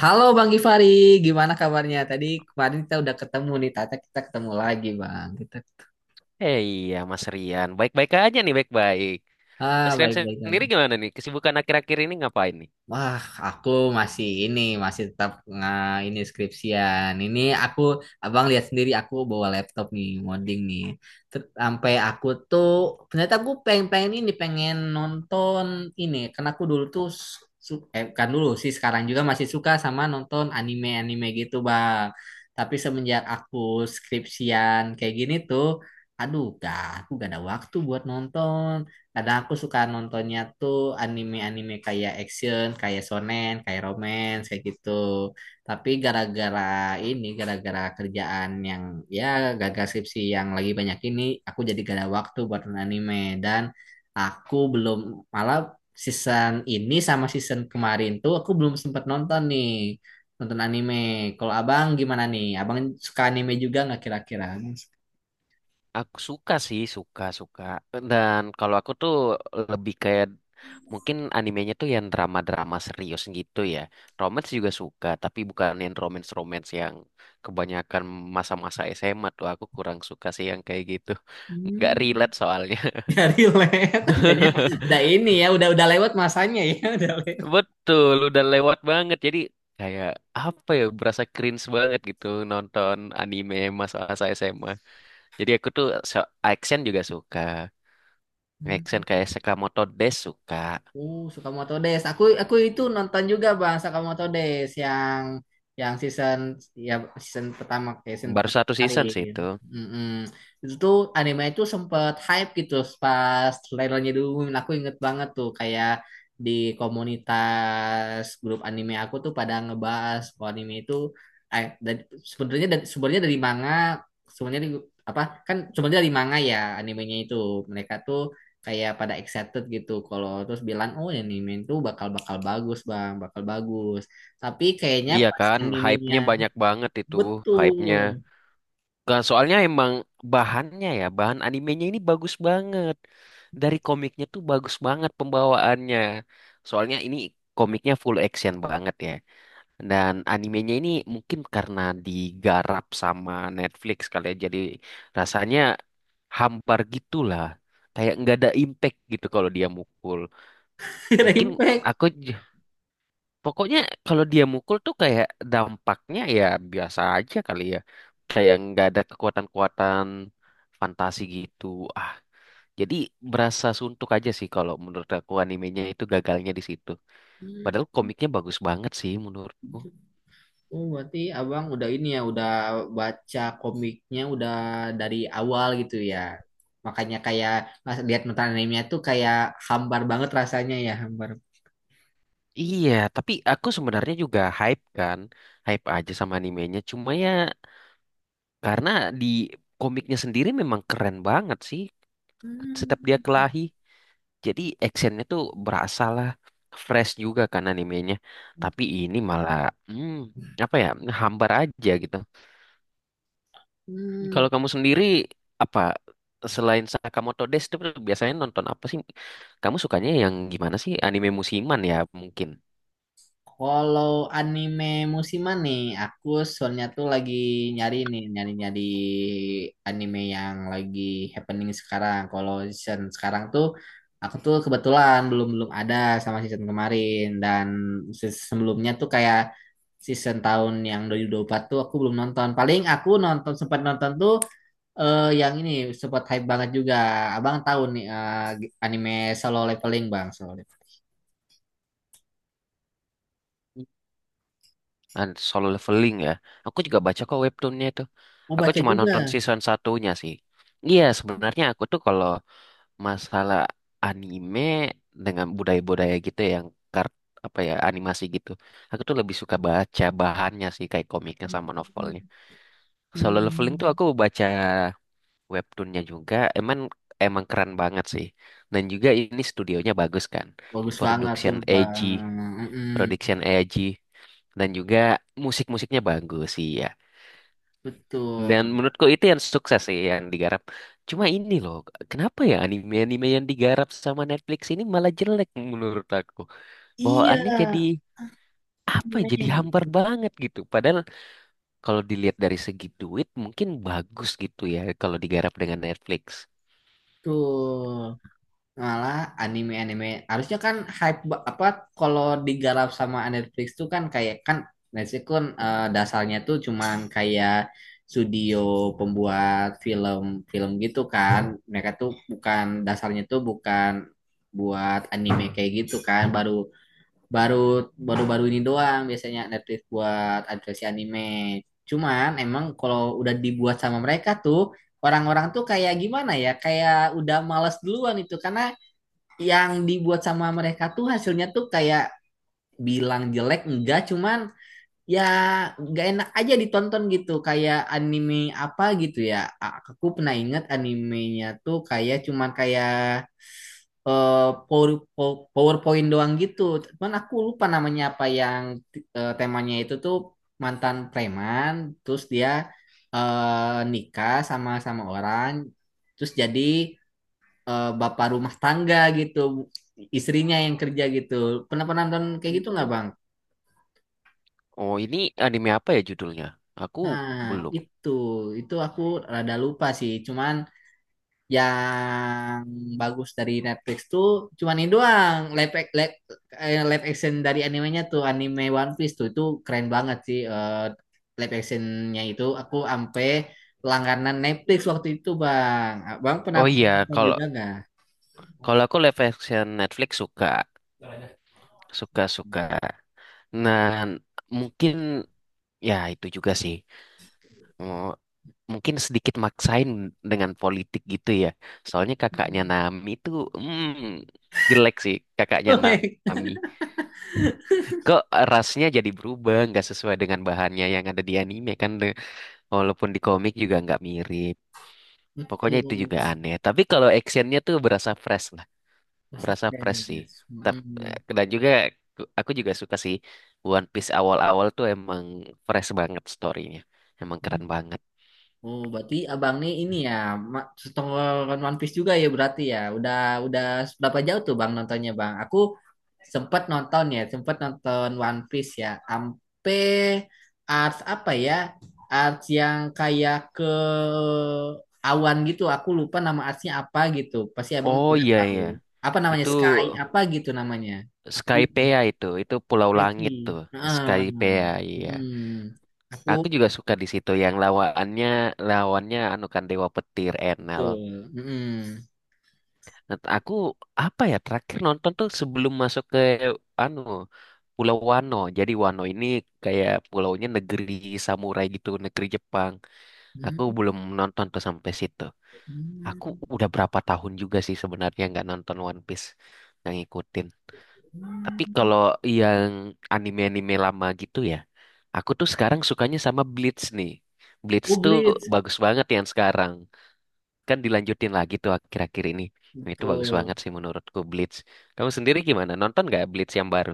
Halo Bang Gifari, gimana kabarnya? Tadi kemarin kita udah ketemu nih, tata kita ketemu lagi Bang. Kita Eh iya, Mas Rian. Baik-baik aja nih, baik-baik. ah Mas Rian baik-baik sendiri aja. gimana nih? Kesibukan akhir-akhir ini ngapain nih? Wah, aku masih ini, masih tetap nggak ini skripsian. Ini aku, abang lihat sendiri, aku bawa laptop nih, ngoding nih. Sampai aku tuh, ternyata aku pengen-pengen ini, pengen nonton ini. Karena aku dulu tuh, bukan dulu sih, sekarang juga masih suka sama nonton anime-anime gitu, bang. Tapi semenjak aku skripsian kayak gini tuh, aduh, gak, aku gak ada waktu buat nonton. Kadang aku suka nontonnya tuh anime-anime kayak action, kayak shonen, kayak romance, kayak gitu. Tapi gara-gara ini, gara-gara kerjaan yang ya gagal skripsi yang lagi banyak ini, aku jadi gak ada waktu buat nonton anime. Dan aku belum, malah season ini sama season kemarin tuh aku belum sempat nonton nih. Nonton anime. Kalau abang gimana nih? Abang suka anime juga nggak kira-kira? Aku suka sih, suka-suka. Dan kalau aku tuh lebih kayak mungkin animenya tuh yang drama-drama serius gitu ya. Romance juga suka, tapi bukan yang romance-romance yang kebanyakan masa-masa SMA tuh. Aku kurang suka sih yang kayak gitu. Nggak Hmm. relate soalnya. Dari led. Udah ini ya, udah lewat masanya ya, udah lewat. Betul, udah lewat banget. Jadi kayak apa ya, berasa cringe banget gitu nonton anime masa-masa SMA. Jadi aku tuh action juga suka. Action Hmm. kayak Sakamoto Days suka. Sakamoto Days. Aku itu nonton juga Bang Sakamoto Days yang season ya season pertama kayak season Baru pertama satu season sih kemarin. itu. Mm-mm. Itu tuh anime itu sempet hype gitu pas trailernya dulu. Aku inget banget tuh kayak di komunitas grup anime aku tuh pada ngebahas kalau anime itu eh, dari- sebenarnya dari manga sebenarnya di- apa kan sebenarnya dari manga ya animenya itu mereka tuh kayak pada excited gitu kalau terus bilang, oh ini anime itu bakal bakal bagus bang bakal bagus, tapi kayaknya Iya pas kan, animenya. hype-nya banyak banget itu, hype-nya. Betul. Nah, soalnya emang bahannya ya, bahan animenya ini bagus banget. Dari komiknya tuh bagus banget pembawaannya. Soalnya ini komiknya full action banget ya. Dan animenya ini mungkin karena digarap sama Netflix kali ya, jadi rasanya hampar gitulah. Kayak nggak ada impact gitu kalau dia mukul. Mungkin Impact. aku pokoknya kalau dia mukul tuh kayak dampaknya ya biasa aja kali ya. Kayak nggak ada kekuatan-kekuatan fantasi gitu. Ah, jadi berasa suntuk aja sih kalau menurut aku animenya itu gagalnya di situ. Padahal komiknya bagus banget sih menurutku. Oh, berarti abang udah ini ya, udah baca komiknya udah dari awal gitu ya, makanya kayak pas lihat nonton animenya tuh kayak hambar banget rasanya ya hambar. Iya, tapi aku sebenarnya juga hype kan, hype aja sama animenya. Cuma ya karena di komiknya sendiri memang keren banget sih. Setiap dia Hmm. kelahi, jadi actionnya tuh berasa lah, fresh juga kan animenya. Tapi ini malah, hmm, apa ya, hambar aja gitu. Hmm. Kalau kamu sendiri apa selain Sakamoto Days itu biasanya nonton apa sih? Kamu sukanya yang gimana sih? Anime musiman ya mungkin. Kalau anime musiman nih, aku soalnya tuh lagi nyari nih, nyari-nyari anime yang lagi happening sekarang. Kalau season sekarang tuh, aku tuh kebetulan belum-belum ada sama season kemarin. Dan season sebelumnya tuh kayak season tahun yang dua dua ribu dua puluh empat tuh aku belum nonton. Paling aku nonton, sempat nonton tuh yang ini, sempat hype banget juga. Abang tahu nih anime Solo Leveling, Bang. Solo Leveling. Nah, Solo Leveling ya. Aku juga baca kok webtoonnya itu. Mau Aku baca cuma juga. nonton season satunya sih. Iya, sebenarnya aku tuh kalau masalah anime dengan budaya-budaya gitu ya, yang kart apa ya animasi gitu. Aku tuh lebih suka baca bahannya sih kayak komiknya sama novelnya. Solo Leveling tuh hmm aku baca webtoonnya juga, emang emang keren banget sih. Dan juga ini studionya bagus kan, Bagus banget production sumpah, AG mhm, production AG dan juga musik-musiknya bagus sih ya. Dan betul. menurutku itu yang sukses sih yang digarap. Cuma ini loh, kenapa ya anime-anime yang digarap sama Netflix ini malah jelek menurut aku. Iya, Bawaannya jadi apa ya, aneh jadi hambar gitu. banget gitu. Padahal kalau dilihat dari segi duit mungkin bagus gitu ya kalau digarap dengan Netflix. Malah anime-anime harusnya kan hype apa, kalau digarap sama Netflix tuh kan kayak kan Netflix kan, dasarnya tuh cuman kayak studio pembuat film-film gitu kan. Mereka tuh bukan dasarnya tuh bukan buat anime kayak gitu kan, baru baru baru-baru ini doang biasanya Netflix buat adaptasi anime. Cuman emang kalau udah dibuat sama mereka tuh orang-orang tuh kayak gimana ya? Kayak udah males duluan itu karena yang dibuat sama mereka tuh hasilnya tuh kayak bilang jelek enggak cuman ya nggak enak aja ditonton gitu kayak anime apa gitu ya aku pernah ingat animenya tuh kayak cuman kayak eh, PowerPoint doang gitu. Cuman aku lupa namanya apa yang temanya itu tuh mantan preman, terus dia nikah sama sama orang, terus jadi bapak rumah tangga gitu, istrinya yang kerja gitu. Pernah pernah nonton kayak gitu nggak Bang? Oh, ini anime apa ya judulnya? Aku Nah, belum. itu itu aku rada lupa sih. Cuman yang bagus dari Netflix tuh cuman ini doang live, ac- live, eh, live action dari animenya tuh anime One Piece tuh itu keren banget sih live actionnya itu aku ampe langganan Netflix waktu itu bang bang pernah Oh iya, nonton kalau juga nggak. kalau aku live action Netflix suka, suka suka. Nah, mungkin ya itu juga sih. Oh, mungkin sedikit maksain dengan politik gitu ya. Soalnya kakaknya Nami itu hmm, jelek sih kakaknya Nami. Kok rasnya jadi berubah, nggak sesuai dengan bahannya yang ada di anime kan? Walaupun di komik juga nggak mirip. Pokoknya Betul. itu juga aneh. Tapi kalau actionnya tuh berasa fresh sih. Masterpiece. Tapi Mm. dan juga aku juga suka sih One Piece awal-awal tuh emang fresh banget storynya, emang keren banget. Oh, berarti abang nih ini ya setengah One Piece juga ya berarti ya. Udah berapa jauh tuh bang nontonnya bang? Aku sempat nonton ya, sempat nonton One Piece ya. Ampe arts apa ya? Arts yang kayak ke awan gitu. Aku lupa nama artsnya apa gitu. Pasti abang Oh juga iya tahu. iya, Apa namanya itu Sky? Apa gitu namanya? Aku Skypea lupa. itu, Pulau Langit tuh, Skype. Heeh. Skypea iya. Hmm. Aku Aku juga suka di situ yang lawannya lawannya anu kan Dewa Petir Enel. betul. Hmm. Nah, aku apa ya terakhir nonton tuh sebelum masuk ke anu Pulau Wano. Jadi Wano ini kayak pulaunya negeri samurai gitu, negeri Jepang. Aku Hmm. belum nonton tuh sampai situ. Aku Hmm. udah berapa tahun juga sih sebenarnya nggak nonton One Piece, nggak ngikutin. Tapi kalau yang anime-anime lama gitu ya, aku tuh sekarang sukanya sama Bleach nih. Bleach Oh, tuh Bleach. bagus banget yang sekarang. Kan dilanjutin lagi tuh akhir-akhir ini. Nah, itu bagus Betul. banget sih menurutku Bleach. Kamu sendiri gimana? Nonton nggak Bleach yang baru?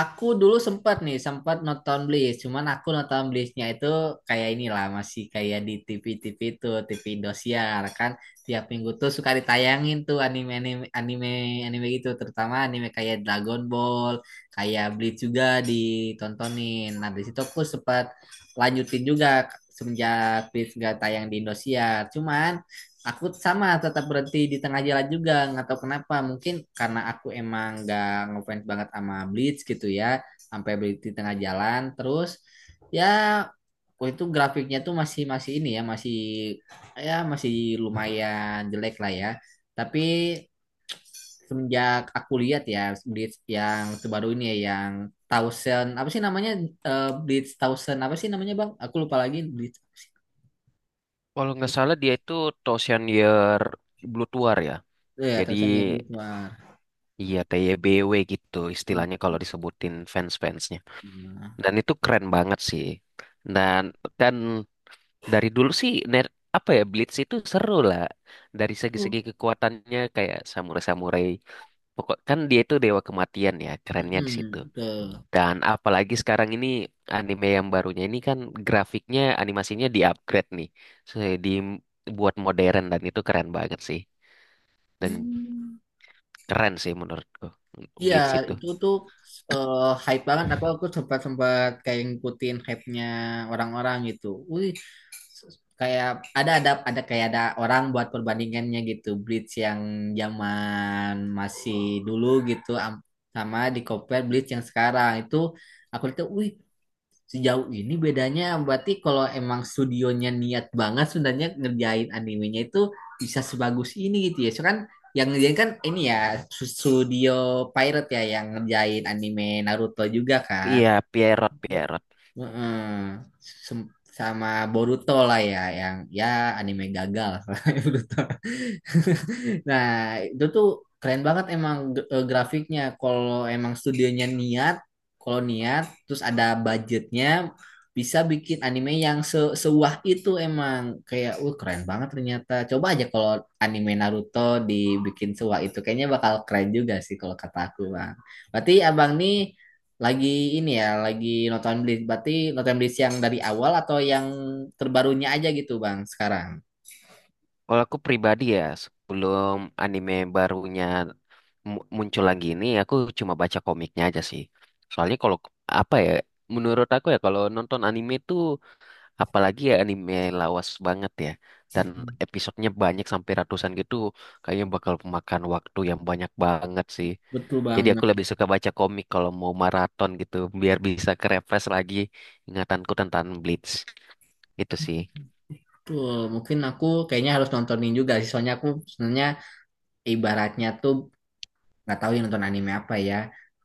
Aku dulu sempat nih, sempat nonton Bleach. Cuman aku nonton Bleachnya itu kayak inilah, masih kayak di TV-TV itu, TV Indosiar kan. Tiap minggu tuh suka ditayangin tuh anime-anime anime anime gitu, terutama anime kayak Dragon Ball, kayak Bleach juga ditontonin. Nah, di situ aku sempat lanjutin juga semenjak Bleach gak tayang di Indosiar. Cuman aku sama tetap berhenti di tengah jalan juga nggak tahu kenapa mungkin karena aku emang nggak ngefans banget sama Bleach gitu ya sampai berhenti di tengah jalan terus ya waktu itu grafiknya tuh masih masih ini ya masih lumayan jelek lah ya tapi semenjak aku lihat ya Bleach yang terbaru ini ya yang Thousand apa sih namanya. Eh, Bleach Thousand apa sih namanya bang aku lupa lagi Bleach. Kalau nggak salah dia itu Thousand Year Blood War ya. Eh, ya Jadi Thousand ya Bleach War. iya, TYBW gitu Hmm. istilahnya kalau disebutin fans-fansnya. Nah. Dan itu keren banget sih. Dan dan dari dulu sih apa ya Blitz itu seru lah. Dari segi-segi kekuatannya kayak samurai-samurai. Pokok kan dia itu dewa kematian ya, kerennya di situ. Mm-mm, betul. Dan apalagi sekarang ini anime yang barunya ini kan grafiknya animasinya di-upgrade nih. So, dibuat modern dan itu keren banget sih. Dan Hmm. keren sih menurutku Iya, Blitz itu. itu tuh eh, hype banget. Aku sempat sempat kayak ngikutin hype-nya orang-orang gitu. Wih, kayak ada kayak ada orang buat perbandingannya gitu. Bleach yang zaman masih dulu gitu sama di compare Bleach yang sekarang itu aku lihat, wih. Sejauh ini bedanya berarti kalau emang studionya niat banget sebenarnya ngerjain animenya itu bisa sebagus ini gitu ya. So kan yang ngerjain kan ini ya studio Pirate ya yang ngerjain anime Naruto juga kan. Iya, Pierrot, Pierrot. Heeh. Sem- sama Boruto lah ya yang ya anime gagal. Boruto. Nah, itu tuh keren banget emang grafiknya. Kalau emang studionya niat, kalau niat, terus ada budgetnya, bisa bikin anime yang sewah itu emang kayak, keren banget ternyata. Coba aja kalau anime Naruto dibikin sewah itu, kayaknya bakal keren juga sih kalau kata aku, bang. Berarti abang nih lagi ini ya, lagi nonton Bleach. Berarti nonton Bleach yang dari awal atau yang terbarunya aja gitu, bang, sekarang. Kalau aku pribadi ya, sebelum anime barunya muncul lagi ini, aku cuma baca komiknya aja sih. Soalnya kalau apa ya, menurut aku ya kalau nonton anime tuh, apalagi ya anime lawas banget ya, dan episodenya banyak sampai ratusan gitu, kayaknya bakal memakan waktu yang banyak banget sih. Betul, bang. Jadi aku lebih suka baca komik kalau mau maraton gitu, biar bisa refresh lagi ingatanku tentang Bleach. Itu sih. Tuh, mungkin aku kayaknya harus nontonin juga sih. Soalnya aku sebenarnya ibaratnya tuh nggak tahu yang nonton anime apa ya.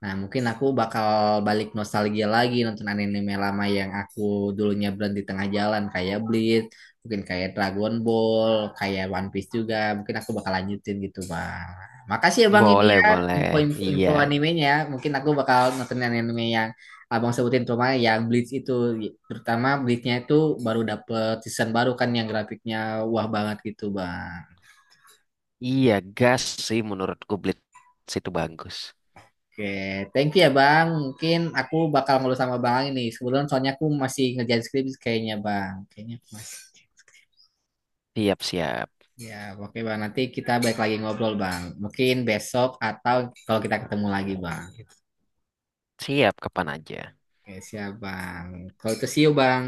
Nah, mungkin aku bakal balik nostalgia lagi nonton anime lama yang aku dulunya berhenti tengah jalan kayak Bleach, mungkin kayak Dragon Ball, kayak One Piece juga. Mungkin aku bakal lanjutin gitu, Bang. Makasih ya Bang ini Boleh, ya boleh. info-info Iya. info animenya. Ya. Mungkin aku bakal nonton anime yang Abang sebutin terutama yang Bleach itu terutama Bleachnya itu baru dapet season baru kan yang grafiknya wah banget gitu, Bang. Iya, gas sih menurutku Blitz itu bagus. Oke, thank you ya Bang. Mungkin aku bakal ngobrol sama Bang ini. Sebelum soalnya aku masih ngerjain skripsi kayaknya Bang. Kayaknya aku masih. Siap, siap. Ya, oke Bang. Nanti kita balik lagi ngobrol Bang. Mungkin besok atau kalau kita ketemu lagi Bang. Siap kapan aja. Oke, siap Bang. Kalau itu see you Bang.